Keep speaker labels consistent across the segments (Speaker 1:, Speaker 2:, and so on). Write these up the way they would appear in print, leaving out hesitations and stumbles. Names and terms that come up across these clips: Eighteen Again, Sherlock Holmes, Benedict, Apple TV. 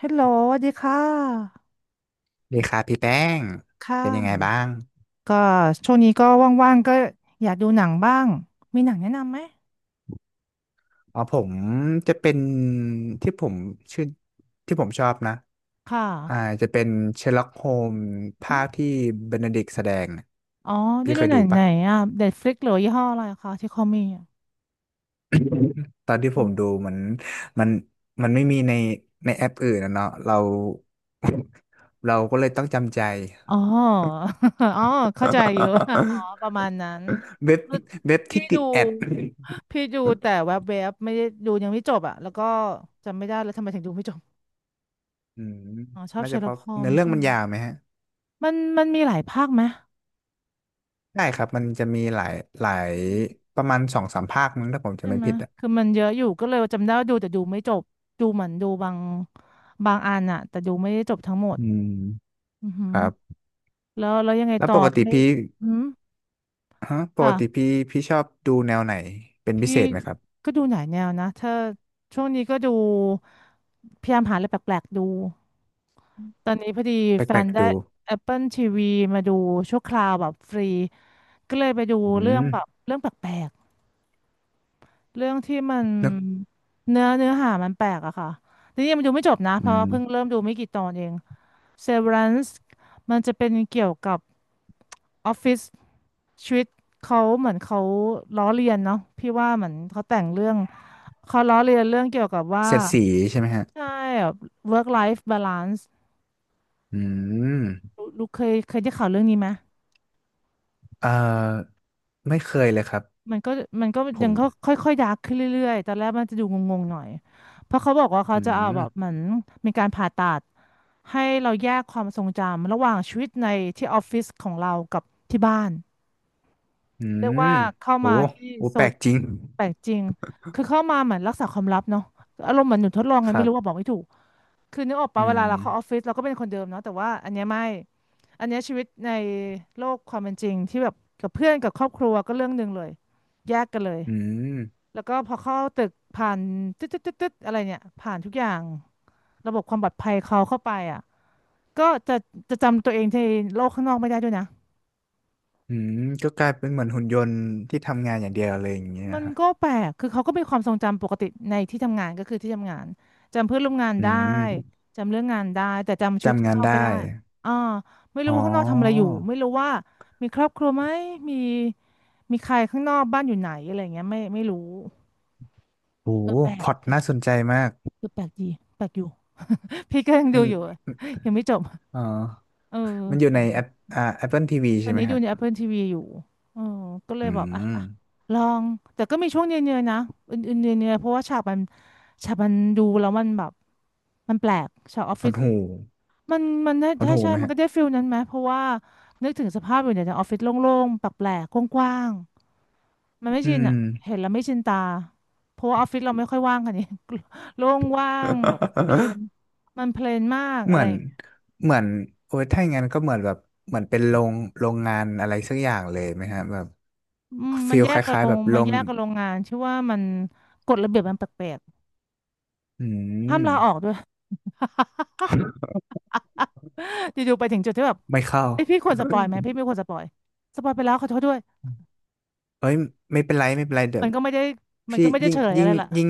Speaker 1: ฮัลโหลสวัสดีค่ะ
Speaker 2: ดีครับพี่แป้ง
Speaker 1: ค
Speaker 2: เป็นยังไง
Speaker 1: ่ะ
Speaker 2: บ้าง
Speaker 1: ก็ช่วงนี้ก็ว่างๆก็อยากดูหนังบ้างมีหนังแนะนำไหม
Speaker 2: อ๋อผมจะเป็นที่ผมชื่อที่ผมชอบนะ
Speaker 1: ค่ะ
Speaker 2: อ่าจะเป็นเชอร์ล็อกโฮม
Speaker 1: อ
Speaker 2: ภา
Speaker 1: ม
Speaker 2: คที่เบนเดดิกต์แสดงน่ะ
Speaker 1: อ๋อได้
Speaker 2: พี่
Speaker 1: ดู
Speaker 2: เคย
Speaker 1: หนั
Speaker 2: ดู
Speaker 1: งไหน
Speaker 2: ปะ
Speaker 1: อ่ะ Netflix หรือยี่ห้ออะไรคะที่เขามีอะ
Speaker 2: ตอนที่
Speaker 1: อื
Speaker 2: ผมดู
Speaker 1: ม
Speaker 2: เหมือนมันไม่มีในในแอปอื่นนะเนาะเรา เราก็เลยต้องจำใจ
Speaker 1: อ๋อ อ๋อเข้าใจอยู่ อ๋อ ประมาณนั้น
Speaker 2: เว็บ
Speaker 1: คือ
Speaker 2: เว็บ
Speaker 1: พี่
Speaker 2: ที่ติ
Speaker 1: ดู
Speaker 2: ดแอด
Speaker 1: พี่ดูแต่ แวบๆไม่ได้ดูยังไม่จบอ่ะแล้วก็จำไม่ได้แล้วทำไมถึงดูไม่จบ
Speaker 2: อืม
Speaker 1: อ๋อชอบ
Speaker 2: น่า
Speaker 1: เชอ
Speaker 2: จะ
Speaker 1: ร์
Speaker 2: เพ
Speaker 1: ล็อก
Speaker 2: ราะ
Speaker 1: โฮม
Speaker 2: เนื้อเรื่อ
Speaker 1: ใช่
Speaker 2: ง
Speaker 1: ไห
Speaker 2: มั
Speaker 1: ม
Speaker 2: นยาวไหมฮะ
Speaker 1: มันมีหลายภาคไหม
Speaker 2: ได้ครับมันจะมีหลายหลายประมาณสองสามภาคมั้งถ้าผมจะ
Speaker 1: ใช่
Speaker 2: ไม่
Speaker 1: ไหม
Speaker 2: ผิดอ่ะ
Speaker 1: คือมันเยอะอยู่ก็เลยจำได้ว่าดูแต่ดูไม่จบ ดูเหมือนดูบางอันอะแต่ดูไม่ได้จบทั้งหมด
Speaker 2: อืม
Speaker 1: อือหื
Speaker 2: ค
Speaker 1: อ
Speaker 2: รับ
Speaker 1: แล้วยังไง
Speaker 2: แล้ว
Speaker 1: ต่อ
Speaker 2: ปกติ
Speaker 1: ไม่
Speaker 2: พี่
Speaker 1: อืม
Speaker 2: ฮะปกติ
Speaker 1: ค่ะ
Speaker 2: พี่พี่ชอบดูแนวไหนเป็นพิ
Speaker 1: พี่
Speaker 2: เศษไหมครับ
Speaker 1: ก็ดูหลายแนวนะถ้าช่วงนี้ก็ดูพยายามหาอะไรแปลกๆดู ตอนนี้พอดี
Speaker 2: แป
Speaker 1: แฟ
Speaker 2: ล
Speaker 1: น
Speaker 2: กๆ
Speaker 1: ได้
Speaker 2: ดู
Speaker 1: Apple TV มาดูชั่วคราวแบบฟรีก็เลยไปดู
Speaker 2: อื
Speaker 1: เรื่อง
Speaker 2: ม
Speaker 1: แบบเรื่องแปลกๆ เรื่องที่มัน
Speaker 2: นึก
Speaker 1: เนื้อหามันแปลกอะค่ะนี่ยังดูไม่จบนะเพ
Speaker 2: อื
Speaker 1: ราะ
Speaker 2: ม
Speaker 1: เพิ่งเริ่มดูไม่กี่ตอนเอง Severance มันจะเป็นเกี่ยวกับออฟฟิศชีวิตเขาเหมือนเขาล้อเลียนเนาะพี่ว่าเหมือนเขาแต่งเรื่องเขาล้อเลียนเรื่องเกี่ยวกับว่า
Speaker 2: เสียดสีใช่ไหมฮะ
Speaker 1: ใช่แบบ work life balance
Speaker 2: อืม
Speaker 1: ลูกเคยได้ข่าวเรื่องนี้ไหม
Speaker 2: เอ่อไม่เคยเลยครับ
Speaker 1: มันก็มันก็
Speaker 2: ผ
Speaker 1: ยัง
Speaker 2: ม
Speaker 1: ก็ค่อยๆดาร์กขึ้นเรื่อยๆตอนแรกมันจะดูงงๆหน่อยเพราะเขาบอกว่าเขา
Speaker 2: อื
Speaker 1: จะเอาแบบเหมื
Speaker 2: ม
Speaker 1: อนมีการผ่าตัดให้เราแยกความทรงจำระหว่างชีวิตในที่ออฟฟิศของเรากับที่บ้าน
Speaker 2: อื
Speaker 1: เรียก
Speaker 2: ม
Speaker 1: ว่าเข้า
Speaker 2: โอ้
Speaker 1: มาที่
Speaker 2: โอ้
Speaker 1: โซ
Speaker 2: แปล
Speaker 1: น
Speaker 2: กจริง
Speaker 1: แปลกจริงคือเข้ามาเหมือนรักษาความลับเนาะอารมณ์เหมือนหนูทดลองไง
Speaker 2: ค
Speaker 1: ไม่
Speaker 2: รั
Speaker 1: รู้ว่าบอ
Speaker 2: บ
Speaker 1: กไม่ถูกคือนึกออก
Speaker 2: อื
Speaker 1: ปะเว
Speaker 2: ม
Speaker 1: ลาเราเข้าออฟฟิศเราก็เป็นคนเดิมเนาะแต่ว่าอันเนี้ยไม่อันเนี้ยชีวิตในโลกความเป็นจริงที่แบบกับเพื่อนกับครอบครัวก็เรื่องหนึ่งเลยแยกกันเลย
Speaker 2: อืม
Speaker 1: แล้วก็พอเข้าตึกผ่านตึ๊ดตึ๊ดตึ๊ดตึ๊ดอะไรเนี่ยผ่านทุกอย่างระบบความปลอดภัยเขาเข้าไปอ่ะก็จะจำตัวเองในโลกข้างนอกไม่ได้ด้วยนะ
Speaker 2: อืมก็กลายเป็นเหมือนหุ่นยนต์ที่ทำงานอย่างเดียวเลยอย่างเงี้ย
Speaker 1: มัน
Speaker 2: ฮะ
Speaker 1: ก็แปลกคือเขาก็มีความทรงจำปกติในที่ทำงานก็คือที่ทำงานจำเพื่อนร่วมงาน
Speaker 2: อื
Speaker 1: ได้
Speaker 2: ม
Speaker 1: จำเรื่องงานได้แต่จำชีวิต
Speaker 2: จำ
Speaker 1: ข้าง
Speaker 2: งา
Speaker 1: น
Speaker 2: น
Speaker 1: อกไม่
Speaker 2: ได้
Speaker 1: ได้อ่าไม่
Speaker 2: อ๋
Speaker 1: รู้ว่าข้างนอกทำอะไรอ
Speaker 2: อ
Speaker 1: ยู่ไม่รู้ว่ามีครอบครัวไหมมีมีใครข้างนอกบ้านอยู่ไหนอะไรเงี้ยไม่รู้
Speaker 2: โห
Speaker 1: เออแปล
Speaker 2: พ
Speaker 1: ก
Speaker 2: ล็อต
Speaker 1: แปล
Speaker 2: น่าส
Speaker 1: ก
Speaker 2: นใจมาก
Speaker 1: คือแปลกดีแปลกอยู่ พี่ก็ยัง
Speaker 2: มั
Speaker 1: ดู
Speaker 2: น
Speaker 1: อยู่ยังไม่จบ
Speaker 2: อ๋อ
Speaker 1: เ
Speaker 2: มันอยู่ใน
Speaker 1: ออ
Speaker 2: แอปApple TV
Speaker 1: ตอ
Speaker 2: ใช่
Speaker 1: น
Speaker 2: ไหม
Speaker 1: นี้ดู
Speaker 2: ฮะ
Speaker 1: ใน Apple TV อยู่เออก็เล
Speaker 2: อื
Speaker 1: ยบอก อ่ะ
Speaker 2: ม
Speaker 1: อ่ะ ลอง แต่ก็มีช่วงเนื่อยๆนะอื่นๆเนื่อยๆเพราะว่าฉากมันดูแล้วมันแบบมันแปลกฉากออฟ
Speaker 2: พล็
Speaker 1: ฟิ
Speaker 2: อด
Speaker 1: ศ
Speaker 2: หู
Speaker 1: มันได้
Speaker 2: พล็อด
Speaker 1: ใช่
Speaker 2: หู
Speaker 1: ใช่
Speaker 2: ไหม
Speaker 1: มัน
Speaker 2: ฮะ
Speaker 1: ก็ได้ฟิลนั้นไหม เพราะว่านึกถึงสภาพอยู่ในออฟฟิศโล่งๆแปลกๆกว้างๆมันไม่
Speaker 2: อื
Speaker 1: ชิน
Speaker 2: ม
Speaker 1: อ่ะ เห็นแล้วไม่ชินตา เพราะว่าออฟฟิศเราไม่ค่อยว่างกัน นี่ โล่งว่างแบบเพลนมันเพลนมาก
Speaker 2: เห
Speaker 1: อะ
Speaker 2: มื
Speaker 1: ไร
Speaker 2: อน เหมือนโอ้ยถ้าอย่างนั้นก็เหมือนแบบ เหมือนเป็นโรงโรงงานอะไรสักอย่างเลยไหมฮะแบบ
Speaker 1: อืมมั
Speaker 2: ฟี
Speaker 1: น
Speaker 2: ล
Speaker 1: แย
Speaker 2: ค
Speaker 1: กกับ
Speaker 2: ล้า
Speaker 1: โร
Speaker 2: ยๆแบ
Speaker 1: ง
Speaker 2: บโร
Speaker 1: มัน
Speaker 2: ง
Speaker 1: แยกกับโรงงานชื่อว่ามันกฎระเบียบมันแปลก
Speaker 2: อื
Speaker 1: ๆห้า
Speaker 2: ม
Speaker 1: มลาออกด้วย อยู่ๆไปถึงจุดที่แบบ
Speaker 2: ไม่เข้า
Speaker 1: ไอยพี่ควรสปอยไหมพี่ไม่ควรสปอยสปอยไปแล้วขอโทษด้วย
Speaker 2: เอ้ยไม่เป็นไรไม่เป็นไรเดี๋ย
Speaker 1: มั
Speaker 2: ว
Speaker 1: นก็ไม่ได้มัน
Speaker 2: พี่
Speaker 1: ก็ไม่ได้
Speaker 2: ยิ่
Speaker 1: เฉ
Speaker 2: ง
Speaker 1: ลยอะ
Speaker 2: ยิ่ง
Speaker 1: ไรล่ะ
Speaker 2: ยิ่ง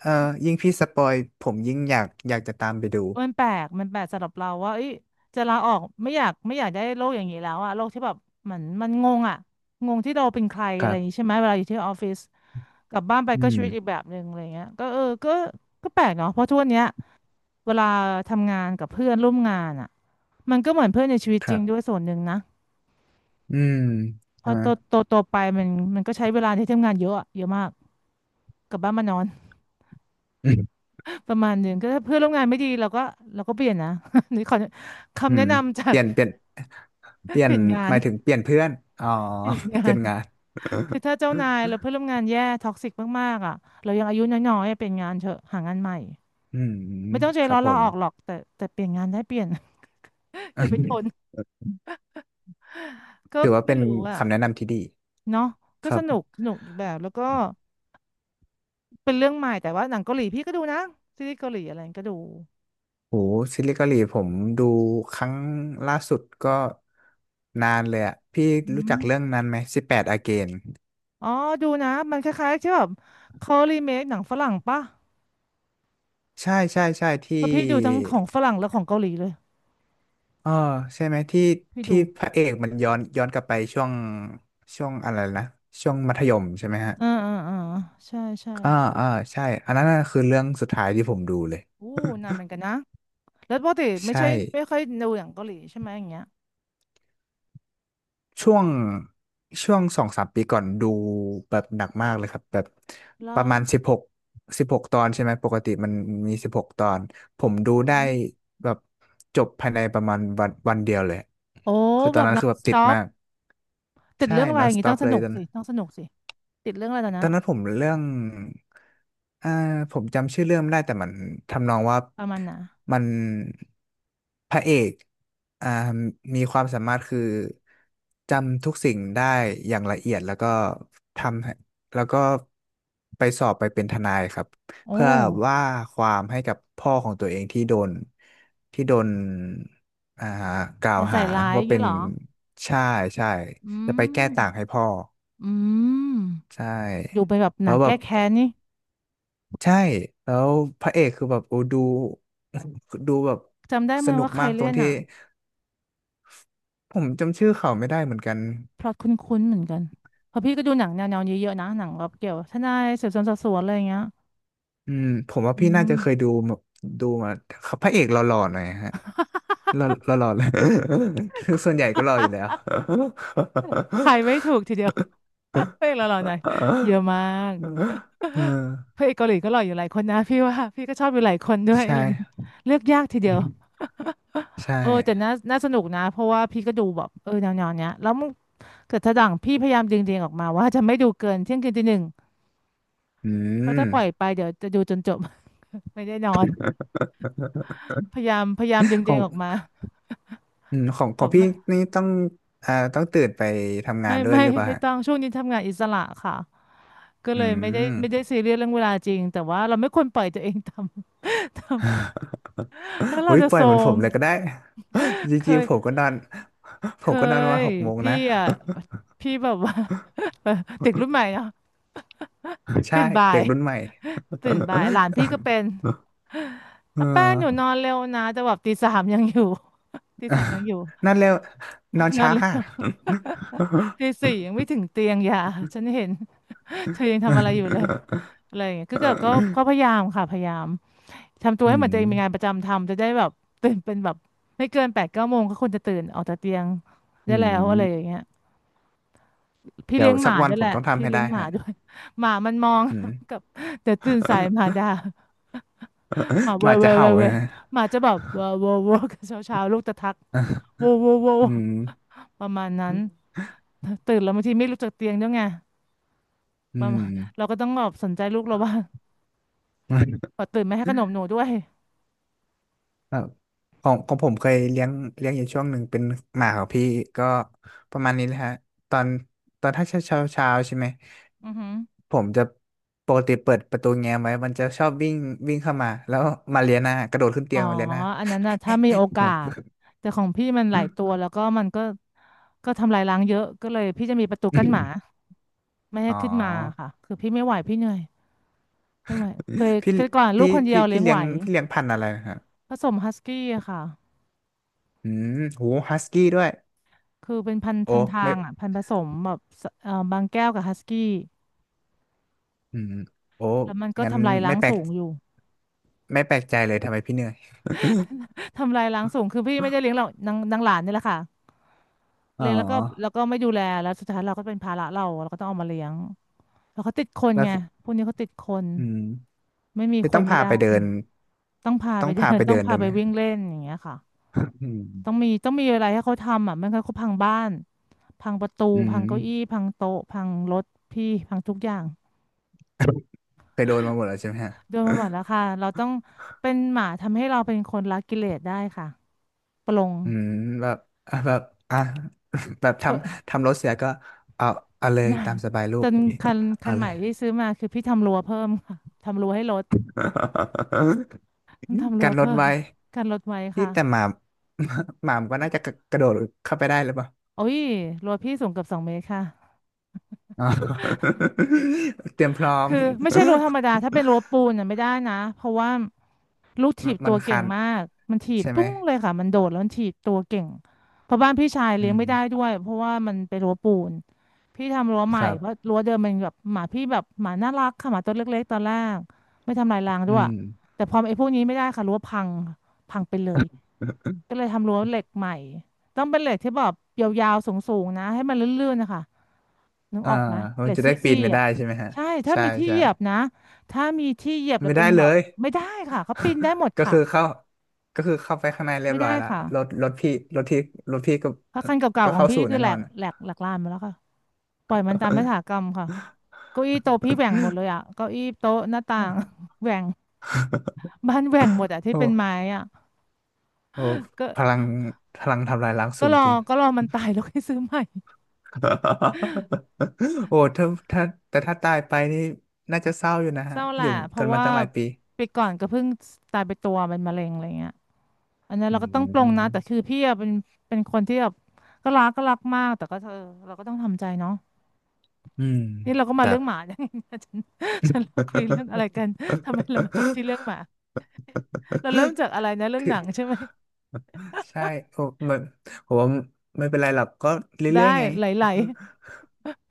Speaker 2: เอ่อยิ่งพี่สปอยผมยิ่งอยากจะตามไปดู
Speaker 1: มันแปลกสำหรับเราว่าเอ้ยจะลาออกไม่อยากได้โลกอย่างนี้แล้วอะโลกที่แบบเหมือนมันงงอะงงที่เราเป็นใคร
Speaker 2: ค
Speaker 1: อะไร
Speaker 2: รั
Speaker 1: อย่างนี้
Speaker 2: บ
Speaker 1: ใช่ไหมเวลาอยู่ที่ออฟฟิศกลับบ้านไป
Speaker 2: อื
Speaker 1: ก็ชี
Speaker 2: ม
Speaker 1: วิตอีกแบบหนึ่งอะไรเงี้ยก็เออก็ก็แปลกเนาะเพราะทุกวันเนี้ยเวลาทำงานกับเพื่อนร่วมงานอะ มันก็เหมือนเพื่อนในชีวิต
Speaker 2: ค
Speaker 1: จ
Speaker 2: รั
Speaker 1: ริงด้วย
Speaker 2: บ
Speaker 1: ส่วนหนึ่งนะ
Speaker 2: อืม
Speaker 1: พ
Speaker 2: ใช่
Speaker 1: อ
Speaker 2: ไหม
Speaker 1: โตไปมันมันก็ใช้เวลาที่ทำงานเยอะอะเยอะมากกลับบ้านมานอน
Speaker 2: อืม
Speaker 1: ประมาณหนึ่งก็ถ้าเพื่อนร่วมงานไม่ดีเราก็เปลี่ยนนะ นี่ขอ
Speaker 2: อื
Speaker 1: คำแนะ
Speaker 2: ม
Speaker 1: นำจา
Speaker 2: เป
Speaker 1: ก
Speaker 2: ลี่ยนเปลี่ย นเปลี่ย
Speaker 1: ป
Speaker 2: น
Speaker 1: ลี่ยนงา
Speaker 2: ห
Speaker 1: น
Speaker 2: มายถึงเปลี่ยนเพื่อนอ๋อ
Speaker 1: เปลี่ยนงา
Speaker 2: เปลี่ย
Speaker 1: น
Speaker 2: นงาน
Speaker 1: คือถ้าเจ้านาย เราเพื่อนร่วมงานแย่ท็อกซิกมากๆอ่ะเรายังอายุน้อยๆอะเปลี่ยนงานเถอะหางานใหม่
Speaker 2: อืม
Speaker 1: ไม่ต้องใจ
Speaker 2: ครั
Speaker 1: ร้อ
Speaker 2: บ
Speaker 1: น
Speaker 2: ผ
Speaker 1: ลา
Speaker 2: ม
Speaker 1: ออกหรอกแต่เปลี่ยนงานได้เปลี่ยน อย่าไปทน ก็
Speaker 2: ถือว่า
Speaker 1: ไม่
Speaker 2: เป็น
Speaker 1: รู้อ่ะ
Speaker 2: คำแนะนำที่ดี
Speaker 1: เนาะก็
Speaker 2: ครั
Speaker 1: สนุก
Speaker 2: บ
Speaker 1: สนุกอีกแบบแล้วก็ เป็นเรื่องใหม่แต่ว่าหนังเกาหลีพี่ก็ดูนะซีรีส์เกาหลีอะไรก็ดู
Speaker 2: โหซีรีส์เกาหลีผมดูครั้งล่าสุดก็นานเลยอะพี่
Speaker 1: อื
Speaker 2: รู้จั
Speaker 1: ม
Speaker 2: กเรื่องนั้นไหมสิบแปดอาเกน
Speaker 1: อ๋อดูนะมันคล้ายๆใช่แบบเขารีเมคหนังฝรั่งปะ
Speaker 2: ใช่ใช่ใช่ที่
Speaker 1: เพราะพี่ดูทั้งของฝรั่งและของเกาหลีเลย
Speaker 2: เออใช่ไหมที่
Speaker 1: พี่
Speaker 2: ที่
Speaker 1: ดู
Speaker 2: พระเอกมันย้อนกลับไปช่วงอะไรนะช่วงมัธยมใช่ไหมฮะ
Speaker 1: อ่าอ่าอ่าใช่ใช่
Speaker 2: อ่าอ่าใช่อันนั้นน่ะคือเรื่องสุดท้ายที่ผมดูเลย
Speaker 1: อู้นานเหมือนกันนะแล้วปกติไม่
Speaker 2: ใช่
Speaker 1: ใช่ไม่ค่อยดูหนังเกาหลีใช่ไหมอย่างเงี้ย
Speaker 2: ช่วงสองสามปีก่อนดูแบบหนักมากเลยครับแบบป
Speaker 1: แล้
Speaker 2: ระ
Speaker 1: ว
Speaker 2: มาณสิบหกตอนใช่ไหมปกติมันมีสิบหกตอนผมดู
Speaker 1: อื
Speaker 2: ได้
Speaker 1: ม
Speaker 2: แบบจบภายในประมาณวันเดียวเลย
Speaker 1: โอ้
Speaker 2: คือตอ
Speaker 1: แบ
Speaker 2: น
Speaker 1: บ
Speaker 2: นั้น
Speaker 1: นอ
Speaker 2: คือ
Speaker 1: น
Speaker 2: แบบ
Speaker 1: ส
Speaker 2: ติด
Speaker 1: ต็อป
Speaker 2: มาก
Speaker 1: ติด
Speaker 2: ใช่
Speaker 1: เรื่องอะไรอ
Speaker 2: non
Speaker 1: ย่างงี้ต้อ
Speaker 2: stop
Speaker 1: งส
Speaker 2: เลย
Speaker 1: นุก
Speaker 2: ตอน
Speaker 1: สิต้องสนุกสิติดเรื่องอะไรตอน
Speaker 2: ต
Speaker 1: นะ
Speaker 2: อนนั้นผมเรื่องอ่าผมจำชื่อเรื่องไม่ได้แต่มันทำนองว่า
Speaker 1: ประมาณน่ะ
Speaker 2: มันพระเอกอ่ามีความสามารถคือจำทุกสิ่งได้อย่างละเอียดแล้วก็ทำให้แล้วก็ไปสอบไปเป็นทนายครับ
Speaker 1: โอ
Speaker 2: เพื่อว่า
Speaker 1: ้
Speaker 2: ความให้กับพ่อของตัวเองที่โดนที่โดนอ่ากล่าว
Speaker 1: มันใส่
Speaker 2: หา
Speaker 1: ร้ายอ
Speaker 2: ว่า
Speaker 1: ย่าง
Speaker 2: เป็
Speaker 1: เงี้ย
Speaker 2: น
Speaker 1: เหรอ
Speaker 2: ใช่ใช่
Speaker 1: อื
Speaker 2: จะไป
Speaker 1: ม
Speaker 2: แก้ต่างให้พ่อ
Speaker 1: อืม
Speaker 2: ใช่
Speaker 1: ดูไปแบบห
Speaker 2: แล้
Speaker 1: นั
Speaker 2: ว
Speaker 1: ง
Speaker 2: แบ
Speaker 1: แก้
Speaker 2: บ
Speaker 1: แค้นนี่
Speaker 2: ใช่แล้วพระเอกคือแบบโอ้ดู ดูแบบ
Speaker 1: จำได้ไหม
Speaker 2: สนุก
Speaker 1: ว่าใคร
Speaker 2: มากตร
Speaker 1: เล่
Speaker 2: ง
Speaker 1: น
Speaker 2: ที่
Speaker 1: อ่ะ
Speaker 2: ผมจำชื่อเขาไม่ได้เหมือนกัน
Speaker 1: พล็อตคุ้นๆเหมือนกันเพราะพี่ก็ดูหนังแนวๆนี้เยอะนะหนังแบบเกี่ยวทนายสืบสวนสอบสวนอะไรอย่างเงี้ย
Speaker 2: อืมผมว่า
Speaker 1: อื
Speaker 2: พี่น่า
Speaker 1: ม
Speaker 2: จะเคยดูมาดูมาพระเอกหล่อๆหน่อยฮะหล่อหล่อๆเลย ส่วนใหญ่ก็หล่ออยู่แล้ว
Speaker 1: ทายไม่ถูกทีเดียว เพลงละหล่อหน่อยเยอะมาก
Speaker 2: เออ
Speaker 1: พระเอกเกาหลีก็หล่ออยู่หลายคนนะพี่ว่าพี่ก็ชอบอยู่หลายคนด้วยอะ
Speaker 2: ใช่
Speaker 1: ไรอย่างงี้เลือกยากทีเดียว
Speaker 2: ใช
Speaker 1: เออแต่
Speaker 2: ่
Speaker 1: น่าสนุกนะเพราะว่าพี่ก็ดูแบบเออแนวๆเนี้ยแล้วมึงเกิดถ้าดังพี่พยายามดึงๆออกมาว่าจะไม่ดูเกินเที่ยงคืนตีหนึ่ง
Speaker 2: อื
Speaker 1: เพราะ
Speaker 2: ม
Speaker 1: ถ้าปล่อยไปเดี๋ยวจะดูจนจบ ไม่ได้นอนพยายามพยายามดึง
Speaker 2: ข
Speaker 1: ตั
Speaker 2: อ
Speaker 1: วเอ
Speaker 2: ง
Speaker 1: งออกมา
Speaker 2: อืมของข
Speaker 1: แบ
Speaker 2: อง
Speaker 1: บ
Speaker 2: พี่
Speaker 1: ว่า
Speaker 2: นี่ต้องต้องตื่นไปทำงา
Speaker 1: ไม่
Speaker 2: นด้วย
Speaker 1: ไม่
Speaker 2: หรือเปล่า
Speaker 1: ไม่
Speaker 2: ฮะ
Speaker 1: ต้องช่วงนี้ทำงานอิสระค่ะก็
Speaker 2: อื
Speaker 1: เลยไม่ได้
Speaker 2: ม
Speaker 1: ไม่ได้ซีเรียสเรื่องเวลาจริงแต่ว่าเราไม่ควรปล่อยตัวเองทำ ทำแล้วเรา
Speaker 2: เฮ้ย
Speaker 1: จะ
Speaker 2: ปล่
Speaker 1: โท
Speaker 2: อย
Speaker 1: ร
Speaker 2: เหมือนผ
Speaker 1: ม
Speaker 2: มเลยก็ได้ จ
Speaker 1: เค
Speaker 2: ริงๆผม
Speaker 1: ย
Speaker 2: ก็นอน ผ
Speaker 1: เค
Speaker 2: มก็นอนประมาณ
Speaker 1: ย
Speaker 2: หกโมง
Speaker 1: พี่
Speaker 2: นะ
Speaker 1: อ่ะพี่แบบว่า ติดรุ่นใหม่เนาะ
Speaker 2: ใช่
Speaker 1: ตื่นบ่า
Speaker 2: เด็
Speaker 1: ย
Speaker 2: กรุ่นใหม่
Speaker 1: ตื่นบ่ายหลานพี่ก็เป็น
Speaker 2: เออ
Speaker 1: อาแป้งอยู่นอนเร็วนะแต่แบบตีสามยังอยู่ ตีสามยังอยู่
Speaker 2: นั่นเร็วนอน
Speaker 1: นอ
Speaker 2: เช้า
Speaker 1: นเร็
Speaker 2: ค่ะ
Speaker 1: ว ตีสี่ยังไม่ถึงเตียงอย่าฉันเห็น เธอยังทำอะไรอยู่เลยอะไรอย่างเงี้ยคือกิก็ก็พยายามค่ะพยายามทำตัว
Speaker 2: อื
Speaker 1: ให้เห
Speaker 2: ม
Speaker 1: มือนตัวเองมีงานประจำทำจะได้แบบตื่นเป็นแบบไม่เกิน8-9 โมงก็ควรจะตื่นออกจากเตียง
Speaker 2: อื
Speaker 1: ได้แล้วอะไรอย่าง
Speaker 2: ม
Speaker 1: เงี้ยพี่
Speaker 2: เดี๋ย
Speaker 1: เลี้
Speaker 2: ว
Speaker 1: ยงห
Speaker 2: สัก
Speaker 1: มา
Speaker 2: วั
Speaker 1: ด้
Speaker 2: น
Speaker 1: วย
Speaker 2: ผ
Speaker 1: แห
Speaker 2: ม
Speaker 1: ละ
Speaker 2: ต้องทำ
Speaker 1: พี่
Speaker 2: ให้
Speaker 1: เลี้
Speaker 2: ได้
Speaker 1: ยงหมา
Speaker 2: ฮะ
Speaker 1: ด้วย หมามันมอง
Speaker 2: อืม
Speaker 1: กับเดี๋ยวตื่นสายหมาด่า หมา
Speaker 2: ห
Speaker 1: เว่
Speaker 2: มา
Speaker 1: ยเว่
Speaker 2: จะ
Speaker 1: ย
Speaker 2: เห่า
Speaker 1: เว่ย
Speaker 2: เล
Speaker 1: เว่
Speaker 2: ย
Speaker 1: ย
Speaker 2: นะ
Speaker 1: หมาจะแบบเว่อเว่อเว่อกันเช้าเช้าลูกจะทัก โวโวโว
Speaker 2: อืม
Speaker 1: ประมาณนั้นตื่นแล้วบางทีไม่ลุกจากเตียงด้วยไง
Speaker 2: อื
Speaker 1: ประมา
Speaker 2: ม
Speaker 1: ณเราก็ต้องแบบสนใจลูกเราว่างตื่นไม่ให้ขนมหนูด้วย
Speaker 2: แบบของผมเคยเลี้ยงเลี้ยงอยู่ช่วงหนึ่งเป็นหมาของพี่ก็ประมาณนี้แหละฮะตอนถ้าเช้าเช้าเช้าใช่ไหม
Speaker 1: อือหือ
Speaker 2: ผมจะปกติเปิดประตูแง้มไว้มันจะชอบวิ่งวิ่งเข้ามาแล้วมาเลียหน้ากระโดดขึ้นเตี
Speaker 1: อ๋อ
Speaker 2: ยงมาเลียหน้า
Speaker 1: อันนั้นน่ะถ้ามีโอกาส แต่ของพี่มันหลายตัว แล้วก็มันก็ก็ทำลายล้างเยอะ ก็เลยพี่จะมีประตูกั้นหมาไม่ให้
Speaker 2: อ๋
Speaker 1: ขึ้นมา
Speaker 2: อ
Speaker 1: ค่ะคือพี่ไม่ไหวพี่เหนื่อยไม่ไหวเคย
Speaker 2: พี่
Speaker 1: เคยก่อนลูกคนเดียวเลี้
Speaker 2: พี่
Speaker 1: ยง
Speaker 2: เลี้
Speaker 1: ไห
Speaker 2: ย
Speaker 1: ว
Speaker 2: งพันธุ์อะไรนะครับ
Speaker 1: ผสมฮัสกี้อะค่ะ
Speaker 2: อืมโหฮัสกี้ด้วย
Speaker 1: คือเป็นพันธุ์
Speaker 2: โอ้
Speaker 1: พันทา
Speaker 2: ไม่
Speaker 1: งอ่ะพันธุ์ผสมแบบสบางแก้วกับฮัสกี้
Speaker 2: อืมโอ้
Speaker 1: แล้วมันก็
Speaker 2: งั้น
Speaker 1: ทำลายล้า
Speaker 2: ไม่
Speaker 1: ง
Speaker 2: แปลก
Speaker 1: สูงอยู่
Speaker 2: ไม่แปลกใจเลยทำไมพี่เหนื่อย
Speaker 1: ทำลายล้างสูงคือพี่ไม่ได้เลี้ยงหรอกนางนางหลานนี่แหละค่ะ
Speaker 2: อ๋อ
Speaker 1: เลี้ยงแล้วก็แล้วก็ไม่ดูแลแล้วสุดท้ายเราก็เป็นภาระเราเราก็ต้องเอามาเลี้ยง แล้วเขาติดคน
Speaker 2: แล้ว
Speaker 1: ไงพวกนี้เขาติดคน
Speaker 2: อืม
Speaker 1: ไม่มี
Speaker 2: คือ
Speaker 1: ค
Speaker 2: ต้อ
Speaker 1: น
Speaker 2: ง
Speaker 1: ไม่
Speaker 2: พาไป
Speaker 1: ได้
Speaker 2: เดิน
Speaker 1: ต้องพา
Speaker 2: ต้
Speaker 1: ไป
Speaker 2: อง
Speaker 1: เดิ
Speaker 2: พา
Speaker 1: น
Speaker 2: ไป
Speaker 1: ต้อง
Speaker 2: เดิน
Speaker 1: พา
Speaker 2: ด้วย
Speaker 1: ไป
Speaker 2: ไหม
Speaker 1: วิ่งเล่นอย่างเงี้ยค่ะ
Speaker 2: อื
Speaker 1: ต้อง
Speaker 2: ม
Speaker 1: มีต้องมีอะไรให้เขาทำอ่ะไม่งั้นเขาพังบ้านพังประตู
Speaker 2: อื
Speaker 1: พังเก้าอี้
Speaker 2: ม
Speaker 1: พังโต๊ะพังรถพี่พังทุกอย่าง
Speaker 2: ไปโดนมาหมดแล้วใช่ไหมฮะ
Speaker 1: โดนมาหมดแล้วค่ะเราต้องเป็นหมาทำให้เราเป็นคนละกิเลสได้ค่ะปลง
Speaker 2: อืมแบบอ่ะแบบอ่ะ แบบท
Speaker 1: เปด
Speaker 2: ำทำรถเสียก็เอาเลย
Speaker 1: มา
Speaker 2: ตามสบายลู
Speaker 1: จ
Speaker 2: ก
Speaker 1: นคัน คั
Speaker 2: เอา
Speaker 1: น
Speaker 2: เล
Speaker 1: ใหม่
Speaker 2: ย
Speaker 1: ที่ซื้อมาคือพี่ทำรั้วเพิ่มค่ะทำรั้วให้รถต้องทำ รั้
Speaker 2: กั
Speaker 1: ว
Speaker 2: นรถ
Speaker 1: เพิ่ม
Speaker 2: ไว้
Speaker 1: กันรถไว้
Speaker 2: ที่
Speaker 1: ค่ะ
Speaker 2: แต่หมา หมามนก็น่าจะกระกระโดดเข้าไปได้หรือเปล่า
Speaker 1: โอ้ยรั้วพี่สูงเกือบ2 เมตรค่ะ
Speaker 2: อ๋อ เตรียมพร้อม
Speaker 1: คือไม่ใช่รั้วธรรมดาถ้าเป็นรั้วปูนน่ะไม่ได้นะเพราะว่าลูก ถี
Speaker 2: มัน
Speaker 1: บ
Speaker 2: มั
Speaker 1: ตั
Speaker 2: น
Speaker 1: ว
Speaker 2: คั
Speaker 1: เก่ง
Speaker 2: น
Speaker 1: มากมันถีบ
Speaker 2: ใช่ไหม
Speaker 1: ปุ้งเลยค่ะมันโดดแล้วมันถีบตัวเก่งเพราะบ้านพี่ชาย
Speaker 2: อื
Speaker 1: เลี้ยงไม่ได้
Speaker 2: ม
Speaker 1: ด้วยเพราะว่ามันเป็นรั้วปูนพี่ทำรั้วให
Speaker 2: ค
Speaker 1: ม่
Speaker 2: รั
Speaker 1: เพราะ
Speaker 2: บ
Speaker 1: รั้วเดิมมันแบบหมาพี่แบบหมาน่ารักค่ะหมาตัวเล็กๆตอนแรกไม่ทำลายรางด้
Speaker 2: อื
Speaker 1: วย
Speaker 2: ม
Speaker 1: แต่พอไอ้พวกนี้ไม่ได้ค่ะรั้วพังพังไปเลย ก็เลยทำรั้วเหล็กใหม่ต้องเป็นเหล็กที่แบบยาวๆสูงๆนะให้มันลื่นๆนะคะนึก
Speaker 2: อ่า
Speaker 1: ออกไหมเห
Speaker 2: มั
Speaker 1: ล็
Speaker 2: น
Speaker 1: กง
Speaker 2: จะได้
Speaker 1: ซี่
Speaker 2: ปี
Speaker 1: ปี
Speaker 2: นไม่
Speaker 1: ๆอ่ะ
Speaker 2: ได้ใช่ไหม
Speaker 1: ่
Speaker 2: ฮะ
Speaker 1: ใช่ถ้า
Speaker 2: ใช่
Speaker 1: มีที่เห
Speaker 2: ใช่
Speaker 1: ยียบนะถ้ามีที่เหยียบแล้ว
Speaker 2: ไม่
Speaker 1: เป็น
Speaker 2: ได้
Speaker 1: แบ
Speaker 2: เล
Speaker 1: บ
Speaker 2: ย
Speaker 1: ไม่ได้ค่ะเขาปีนได้หมด
Speaker 2: ก็
Speaker 1: ค่ะ
Speaker 2: คือเข้าไปข้างในเรีย
Speaker 1: ไม่
Speaker 2: บร้
Speaker 1: ได้
Speaker 2: อยละ
Speaker 1: ค่ะ
Speaker 2: รถรถพี่รถที่รถพี่ก็
Speaker 1: เพราะคันเก่า
Speaker 2: ก็
Speaker 1: ๆของ
Speaker 2: เข้า
Speaker 1: พี่
Speaker 2: สู่
Speaker 1: คื
Speaker 2: แน่
Speaker 1: อแหล
Speaker 2: นอน
Speaker 1: กแหล กแหลกลานมาแล้วค่ะปล่อยมันตามยถากรรมค่ะเก้าอี้โต๊ะพี่แหว่งหมดเลยอ่ะเก้าอี้โต๊ะหน้าต่าง แหว่งบ้านแหว่งหมดอ่ะที่
Speaker 2: โอ้
Speaker 1: เป็นไม้อ่ะ
Speaker 2: โอ้
Speaker 1: ก็
Speaker 2: พลังทำลายล้าง
Speaker 1: ก็
Speaker 2: สูง
Speaker 1: รอ
Speaker 2: จริง
Speaker 1: ก็รอมันตายแล้วค่อยซื้อใหม่
Speaker 2: โอ้ถ้าถ้าแต่ถ้าตายไปนี่น่าจะเศร้าอยู่นะ
Speaker 1: เศ
Speaker 2: ฮะ
Speaker 1: ร้าแห
Speaker 2: อ
Speaker 1: ละ
Speaker 2: ยู่
Speaker 1: เพ
Speaker 2: กั
Speaker 1: ราะ
Speaker 2: นมา
Speaker 1: ว่า
Speaker 2: ตั้งหลายปี
Speaker 1: ไปก่อนก็เพิ่งตายไปตัวเป็นมะเร็งอะไรเงี้ยอันนั้น
Speaker 2: อื
Speaker 1: เราก็ต้องปลงนะแต่
Speaker 2: ม
Speaker 1: คือพี่อะเป็นเป็นคนที่แบบก็รักก็รักมากแต่ก็เธออเราก็ต้องทำใจเนาะ
Speaker 2: อืม
Speaker 1: นี่เราก็
Speaker 2: ค
Speaker 1: มา
Speaker 2: รั
Speaker 1: เรื่
Speaker 2: บ
Speaker 1: องหมาอย่างนี้นะ ฉันเราคุยเรื่องอะไรกันทำไมเรามาจบที่เรื่องหมาเราเริ่มจากอะไรนะเรื่ อง
Speaker 2: ถื
Speaker 1: หนั
Speaker 2: อ
Speaker 1: งใช่ไหม
Speaker 2: ใช่โอ้มันผมว่าไม่เป็นไรหรอกก็
Speaker 1: ได้
Speaker 2: เรื่อยๆไง
Speaker 1: ไหล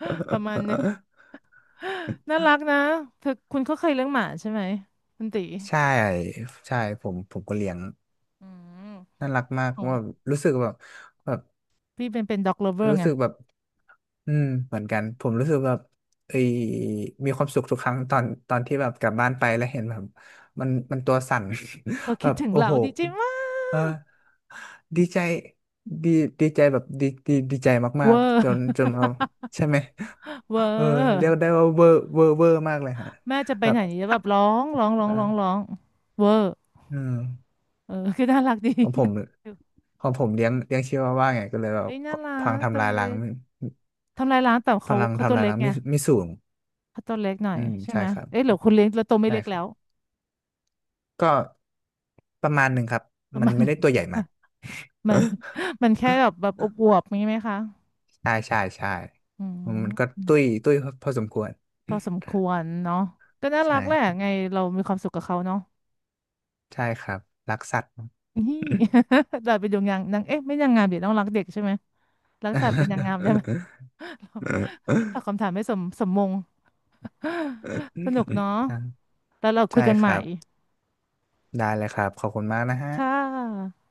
Speaker 1: ๆประมาณหนึงน่า รักนะเธอคุณก็เคยเรื่องหมาใช่ไหมคุณตี
Speaker 2: ใช่ใช่ผมก็เลี้ยง
Speaker 1: อืม
Speaker 2: น่ารักมาก
Speaker 1: โอ้
Speaker 2: ว่ารู้สึกแบบแบบ
Speaker 1: พี่เป็นเป็นด็อกเลเวอร์
Speaker 2: รู้
Speaker 1: ไง
Speaker 2: สึกแบบอืมเหมือนกันผมรู้สึกแบบเอยมีความสุขทุกครั้งตอนที่แบบกลับบ้านไปแล้วเห็นแบบมันตัวสั่น
Speaker 1: เขา
Speaker 2: แบ
Speaker 1: คิด
Speaker 2: บ
Speaker 1: ถึง
Speaker 2: โอ้
Speaker 1: เรา
Speaker 2: โห
Speaker 1: ดีใจมา
Speaker 2: เออ
Speaker 1: ก
Speaker 2: ดีใจดีดีใจแบบดีดีใจมา
Speaker 1: เว
Speaker 2: ก
Speaker 1: อร์
Speaker 2: ๆจนจนเอาใช่ไหม
Speaker 1: เวอ
Speaker 2: เออ
Speaker 1: ร์
Speaker 2: เรียกได้ว่าเวอร์มากเลยฮะ
Speaker 1: แม่จะไป
Speaker 2: แบ
Speaker 1: ไห
Speaker 2: บ
Speaker 1: นแบบร้องร้องร้องร้องร้
Speaker 2: เออ
Speaker 1: องเวอร์
Speaker 2: เออ
Speaker 1: เออ คือน่ารักดี
Speaker 2: ของผม ของผมเลี้ยงเลี้ยงชิวาว่าไงก็เลยแบบ
Speaker 1: เอ้ยน่ารั
Speaker 2: พลัง
Speaker 1: กตั
Speaker 2: ทำ
Speaker 1: ว
Speaker 2: ลาย
Speaker 1: เล็
Speaker 2: ล้าง
Speaker 1: ก
Speaker 2: ไม่
Speaker 1: ทำลายล้างแต่
Speaker 2: พ
Speaker 1: เขา
Speaker 2: ลัง
Speaker 1: เขาตั
Speaker 2: ทำ
Speaker 1: ว
Speaker 2: ลาย
Speaker 1: เล็ก
Speaker 2: ล้าง
Speaker 1: ไง
Speaker 2: ไม่ไม่สูง
Speaker 1: เขาตัวเล็กหน่อ
Speaker 2: อื
Speaker 1: ย
Speaker 2: ม
Speaker 1: ใช่
Speaker 2: ใช่
Speaker 1: ไหม
Speaker 2: ครับ
Speaker 1: เอ้ยหรือคุณเลี้ยงแล้วตัวไม่
Speaker 2: ใช่
Speaker 1: เล็ก
Speaker 2: ครั
Speaker 1: แล้ว
Speaker 2: บก็ประมาณหนึ่งครับ
Speaker 1: ประ
Speaker 2: มัน
Speaker 1: มาณ
Speaker 2: ไม่ได้ตัวใหญ่มาก
Speaker 1: มัน มันแค่แบบแบ บอวบๆงี้ไหมคะ
Speaker 2: ใช่ใช่ใช่
Speaker 1: อื
Speaker 2: มันก็
Speaker 1: ม
Speaker 2: ตุ้ยตุ้ยพอสมควร
Speaker 1: พอสมควรเนาะก็น่า
Speaker 2: ใ
Speaker 1: รักแหละ
Speaker 2: ช่
Speaker 1: ไงเรามีความสุขกับเขาเนาะ
Speaker 2: ใช่ครับรักสัตว์
Speaker 1: นี่ เราไปดูงานนางเอ๊ะไม่นางงามเดี๋ยต้องรักเด็กใช่ไหมรักสัตว์เป็นนางงามใช่ไหม ตอ บคำถามไม่สมสมมง สนุกเนาะแล้วเราคุย
Speaker 2: ใช่
Speaker 1: กัน
Speaker 2: ค
Speaker 1: ใหม่
Speaker 2: รับ ได้เลยครับ ขอบคุณมากนะฮะ
Speaker 1: ค่ะ